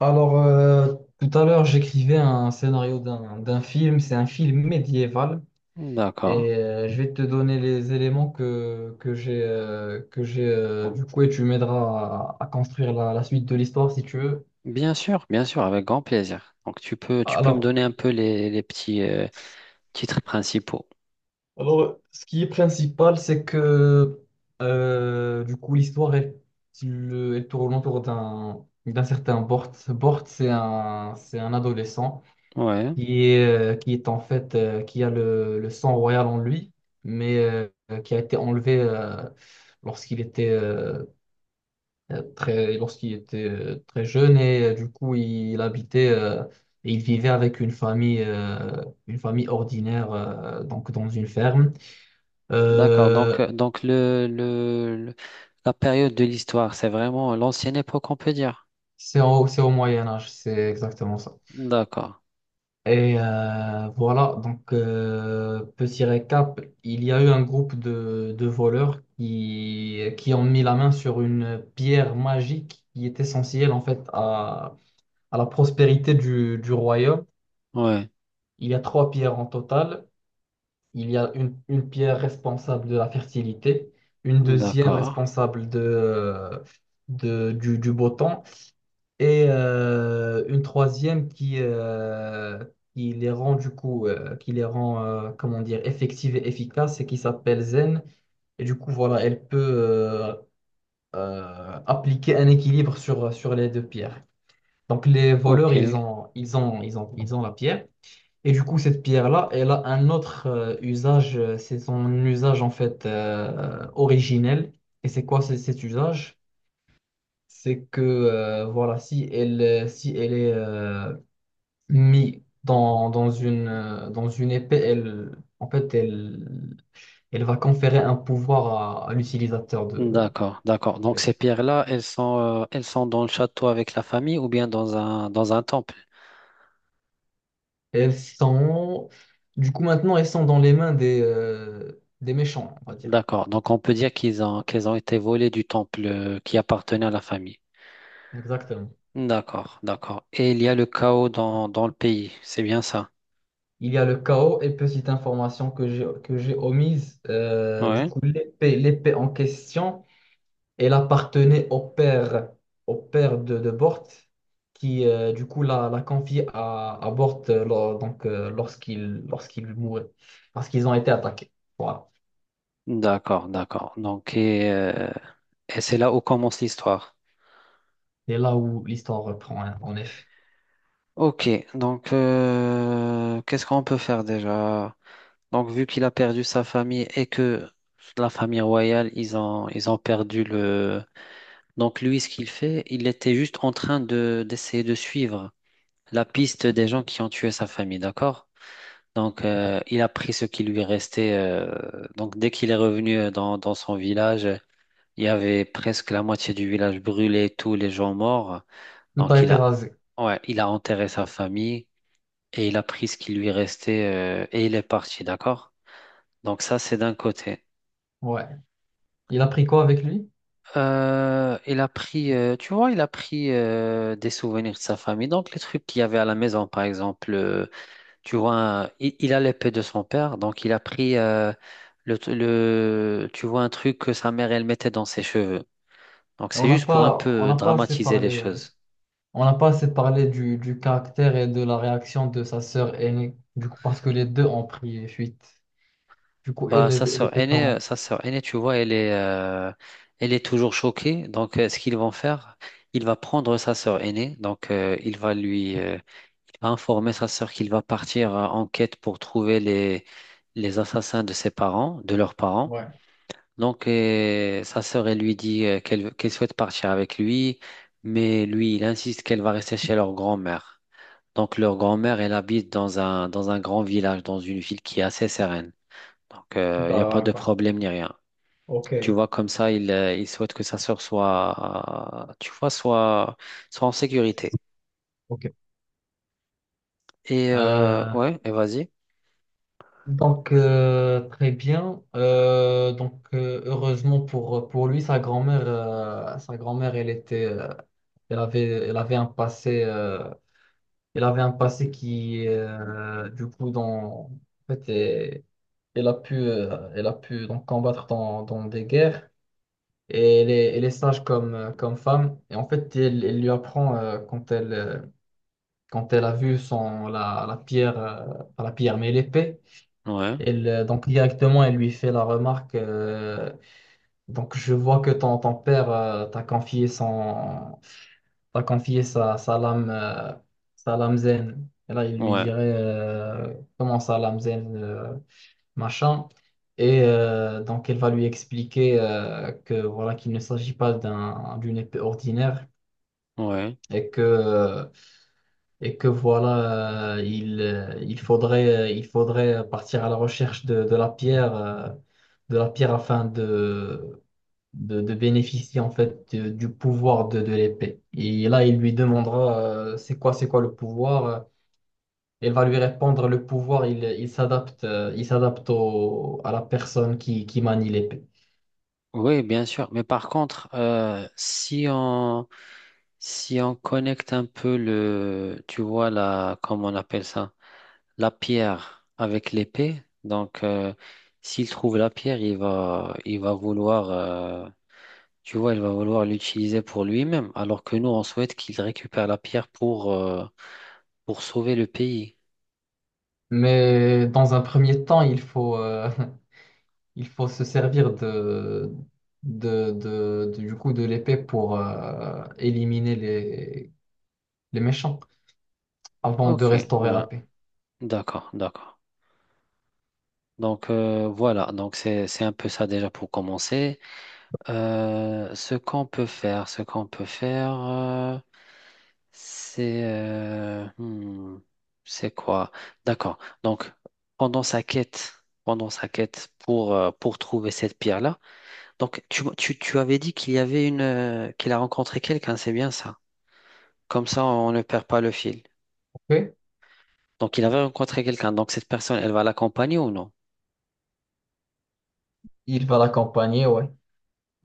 Alors, tout à l'heure, j'écrivais un scénario d'un film. C'est un film médiéval D'accord. et je vais te donner les éléments que j'ai du coup, et tu m'aideras à construire la suite de l'histoire si tu veux. Bien sûr, avec grand plaisir. Donc tu peux me Alors, donner un peu les petits titres principaux. alors, ce qui est principal, c'est que du coup elle tourne autour d'un certain Bort. Bort, c'est un adolescent Ouais, qui est en fait, qui a le sang royal en lui, mais qui a été enlevé lorsqu'il était, lorsqu'il était très jeune, et du coup il, habitait il vivait avec une famille ordinaire, donc dans une ferme. d'accord. Donc Euh, euh, donc la période de l'histoire, c'est vraiment l'ancienne époque, on peut dire. c'est au, c'est au Moyen Âge, c'est exactement ça. D'accord. Et voilà, donc petit récap, il y a eu un groupe de voleurs qui ont mis la main sur une pierre magique qui est essentielle en fait à la prospérité du royaume. Ouais. Il y a trois pierres en total. Il y a une pierre responsable de la fertilité, une deuxième D'accord. responsable du beau temps, et une troisième qui les rend du coup, qui les rend, comment dire, effectives et efficaces, et qui s'appelle Zen. Et du coup, voilà, elle peut appliquer un équilibre sur les deux pierres. Donc les voleurs, OK. Ils ont la pierre. Et du coup, cette pierre-là, elle a un autre usage. C'est son usage en fait originel. Et c'est quoi c'est cet usage? C'est que voilà, si elle est mis dans une épée, elle, en fait, elle, elle va conférer un pouvoir à l'utilisateur D'accord, d'accord. de Donc ces l'épée. pierres-là, elles sont dans le château avec la famille ou bien dans un temple. Elles sont, du coup, maintenant, elles sont dans les mains des méchants, on va dire. D'accord. Donc on peut dire qu'elles ont été volées du temple qui appartenait à la famille. Exactement. D'accord, d'accord. Et il y a le chaos dans le pays, c'est bien ça? Il y a le chaos, et petite information que j'ai omise. Du Ouais. coup, l'épée en question. Elle appartenait au père de Bort, qui du coup l'a confiée à Bort donc, lorsqu'il mourait, parce qu'ils ont été attaqués. Voilà. D'accord, d'accord. Donc, et c'est là où commence l'histoire. Et là où l'histoire reprend, hein, en effet. Ok, donc qu'est-ce qu'on peut faire déjà? Donc, vu qu'il a perdu sa famille et que la famille royale, ils ont perdu le. Donc, lui, ce qu'il fait, il était juste en train d'essayer de suivre la piste des gens qui ont tué sa famille, d'accord? Donc, il a pris ce qui lui restait. Donc, dès qu'il est revenu dans son village, il y avait presque la moitié du village brûlé, tous les gens morts. Il a Donc, été rasé. ouais, il a enterré sa famille et il a pris ce qui lui restait et il est parti, d'accord? Donc, ça, c'est d'un côté. Ouais. Il a pris quoi avec lui? Il a pris, tu vois, il a pris des souvenirs de sa famille. Donc, les trucs qu'il y avait à la maison, par exemple. Tu vois, il a l'épée de son père, donc il a pris tu vois, un truc que sa mère, elle mettait dans ses cheveux. Donc c'est juste pour un On peu n'a pas assez dramatiser les parlé, choses. on n'a pas assez parlé du caractère et de la réaction de sa sœur aînée, du coup, parce que les deux ont pris fuite. Du coup, elle, Bah, sa elle sœur était aînée, euh, comment? sa sœur aînée, tu vois, elle est toujours choquée. Donc, ce qu'ils vont faire, il va prendre sa sœur aînée. Donc, il va informer sa sœur qu'il va partir en quête pour trouver les assassins de leurs parents. Ouais, Donc, sa sœur, elle lui dit qu'elle souhaite partir avec lui, mais lui, il insiste qu'elle va rester chez leur grand-mère. Donc, leur grand-mère, elle habite dans un grand village, dans une ville qui est assez sereine. Donc, il n'y a pas de d'accord. problème ni rien. Tu Ok. vois, comme ça, il souhaite que sa sœur tu vois, soit en sécurité. Ok. Euh, Ouais, et vas-y. donc très bien. Donc heureusement pour lui, sa grand-mère, elle avait un passé, elle avait un passé qui, du coup, dans, en fait, elle a pu donc combattre dans des guerres. Et elle est sage comme comme femme. Et en fait, elle lui apprend, quand elle a vu son la pierre, pas la pierre, mais l'épée. Ouais, Donc directement, elle lui fait la remarque. Donc je vois que ton père t'a confié t'a confié sa lame zen. Et là, il lui ouais, dirait, comment ça, lame zen, machin. Et donc elle va lui expliquer que voilà, qu'il ne s'agit pas d'une épée ordinaire, ouais. et que voilà, il faudrait partir à la recherche de la pierre afin de bénéficier en fait du pouvoir de l'épée. Et là, il lui demandera, c'est quoi le pouvoir? Elle va lui répondre, le pouvoir, il s'adapte à la personne qui manie l'épée. Oui, bien sûr. Mais par contre, si on connecte un peu tu vois comment on appelle ça, la pierre avec l'épée. Donc, s'il trouve la pierre, il va vouloir, tu vois, il va vouloir l'utiliser pour lui-même. Alors que nous, on souhaite qu'il récupère la pierre pour sauver le pays. Mais dans un premier temps, il faut se servir du coup de l'épée pour éliminer les méchants avant de Ok, restaurer ouais. la paix. D'accord, d'accord. Donc, voilà, c'est un peu ça déjà pour commencer. Ce qu'on peut faire, c'est euh, hmm, c'est quoi? D'accord. Donc pendant sa quête, pendant sa quête pour trouver cette pierre-là. Donc tu avais dit qu'il y avait une qu'il a rencontré quelqu'un, c'est bien ça. Comme ça, on ne perd pas le fil. Ok? Donc il avait rencontré quelqu'un. Donc cette personne, elle va l'accompagner ou non? Il va l'accompagner, ouais.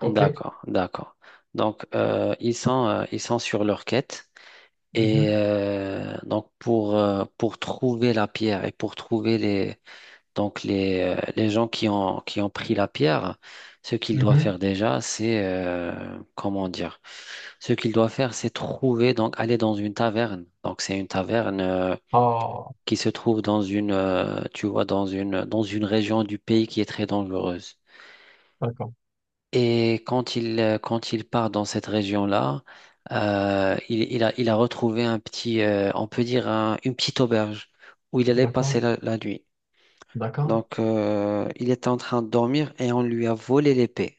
Ok? D'accord, d'accord. Donc, ils sont sur leur quête. Et Mhm, donc, pour trouver la pierre et pour trouver donc les gens qui ont pris la pierre, ce qu'il doit mhm. faire déjà, comment dire, ce qu'il doit faire, c'est trouver, donc aller dans une taverne. Donc, c'est une taverne Ah, qui se trouve tu vois, dans une région du pays qui est très dangereuse. d'accord, Et quand il part dans cette région-là, il a retrouvé on peut dire une petite auberge où il allait passer d'accord, la nuit. d'accord. Donc, il était en train de dormir et on lui a volé l'épée.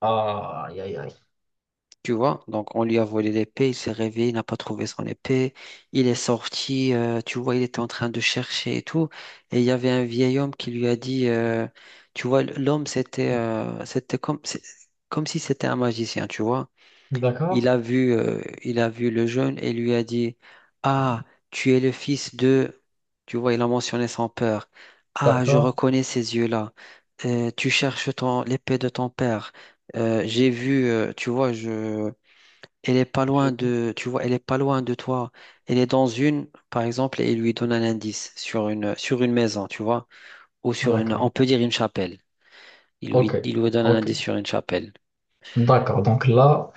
Ah, aïe, aïe, aïe. Tu vois? Donc, on lui a volé l'épée, il s'est réveillé, il n'a pas trouvé son épée. Il est sorti, tu vois, il était en train de chercher et tout. Et il y avait un vieil homme qui lui a dit, tu vois, l'homme, c'était comme comme si c'était un magicien, tu vois. Il D'accord, a vu, euh, il a vu le jeune et lui a dit, ah, tu es le fils de. Tu vois, il a mentionné son père. Ah, je d'accord, reconnais ces yeux-là. Tu cherches l'épée de ton père. J'ai vu, tu vois, je. Elle est pas loin j'ai vu. de, tu vois, elle est pas loin de toi. Elle est dans une, par exemple, et il lui donne un indice sur une maison, tu vois, ou sur une, on D'accord. peut dire une chapelle. Il Ok, lui, il lui donne un ok. indice sur une chapelle. D'accord, donc là.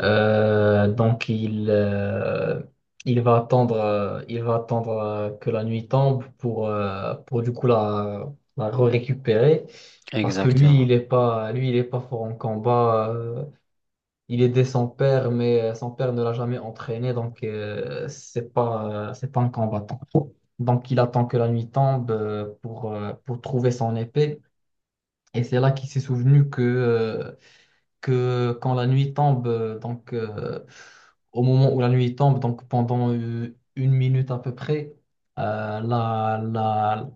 Donc il va attendre que la nuit tombe pour du coup la récupérer, parce que Exactement. Lui il est pas fort en combat. Il est aidé son père, mais son père ne l'a jamais entraîné, donc c'est pas un combattant. Donc il attend que la nuit tombe pour trouver son épée, et c'est là qu'il s'est souvenu que quand la nuit tombe, au moment où la nuit tombe, donc pendant une minute à peu près, euh, la, la,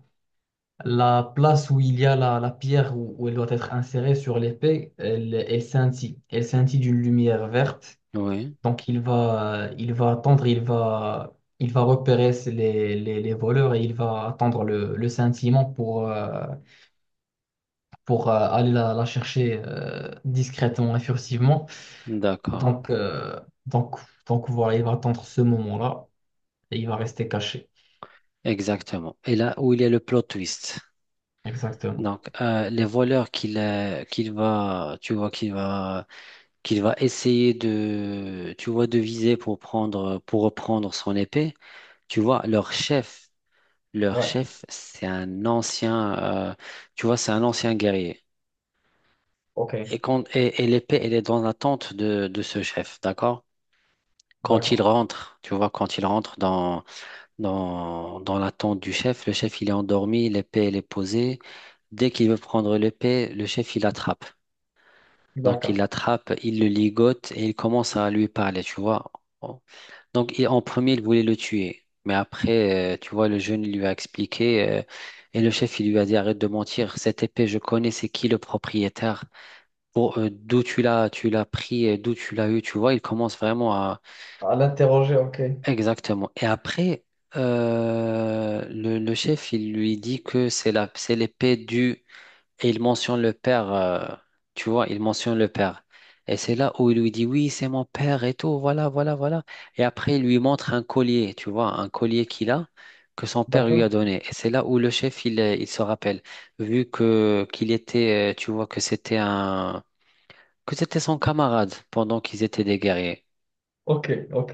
la place où il y a la pierre où elle doit être insérée sur l'épée, elle scintille. Elle scintille d'une lumière verte. Oui, Donc il va attendre, il va repérer les voleurs, et il va attendre le scintillement pour, aller la chercher discrètement et furtivement. d'accord. Donc, euh, donc, donc voilà, il va attendre ce moment-là, et il va rester caché. Exactement. Et là où il y a le plot twist. Exactement. Donc, les voleurs qu'il va, tu vois, qu'il va essayer tu vois, de viser pour reprendre son épée. Tu vois, leur chef, leur Ouais, chef, tu vois, c'est un ancien guerrier. ok, Et l'épée, elle est dans la tente de ce chef, d'accord? D'accord, Tu vois, quand il rentre dans l'attente du chef. Le chef, il est endormi, l'épée, elle est posée. Dès qu'il veut prendre l'épée, le chef, il l'attrape. Donc, il d'accord. l'attrape, il le ligote et il commence à lui parler, tu vois. Donc, en premier, il voulait le tuer. Mais après, tu vois, le jeune il lui a expliqué et le chef, il lui a dit, arrête de mentir. Cette épée, je connais, c'est qui le propriétaire? D'où tu l'as pris, et d'où tu l'as eu, tu vois. Il commence vraiment. À l'interroger, ok, Exactement. Et après, le chef, il lui dit que c'est l'épée du. Et il mentionne le père, tu vois, il mentionne le père. Et c'est là où il lui dit, oui, c'est mon père et tout, voilà, voilà, voilà. Et après, il lui montre un collier, tu vois, un collier qu'il a, que son père lui d'accord, a donné. Et c'est là où le chef, il se rappelle, vu que qu'il était, tu vois, que c'était un. Que c'était son camarade pendant qu'ils étaient des guerriers. ok, ok,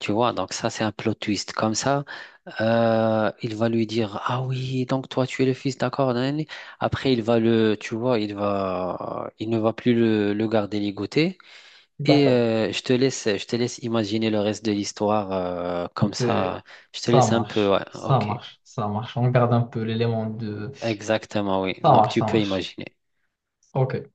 Tu vois, donc ça, c'est un plot twist. Comme ça. Il va lui dire, ah oui, donc toi tu es le fils, d'accord. Nan, nan, nan. Après, il va le, tu vois, il va, il ne va plus le garder ligoté. Et d'accord. Je te laisse imaginer le reste de l'histoire comme Euh, ça. Je te Ça laisse un peu, marche, ouais, ça ok. marche, ça marche. On garde un peu l'élément de… Exactement, oui. Ça Donc marche, tu ça peux marche. imaginer. Ok.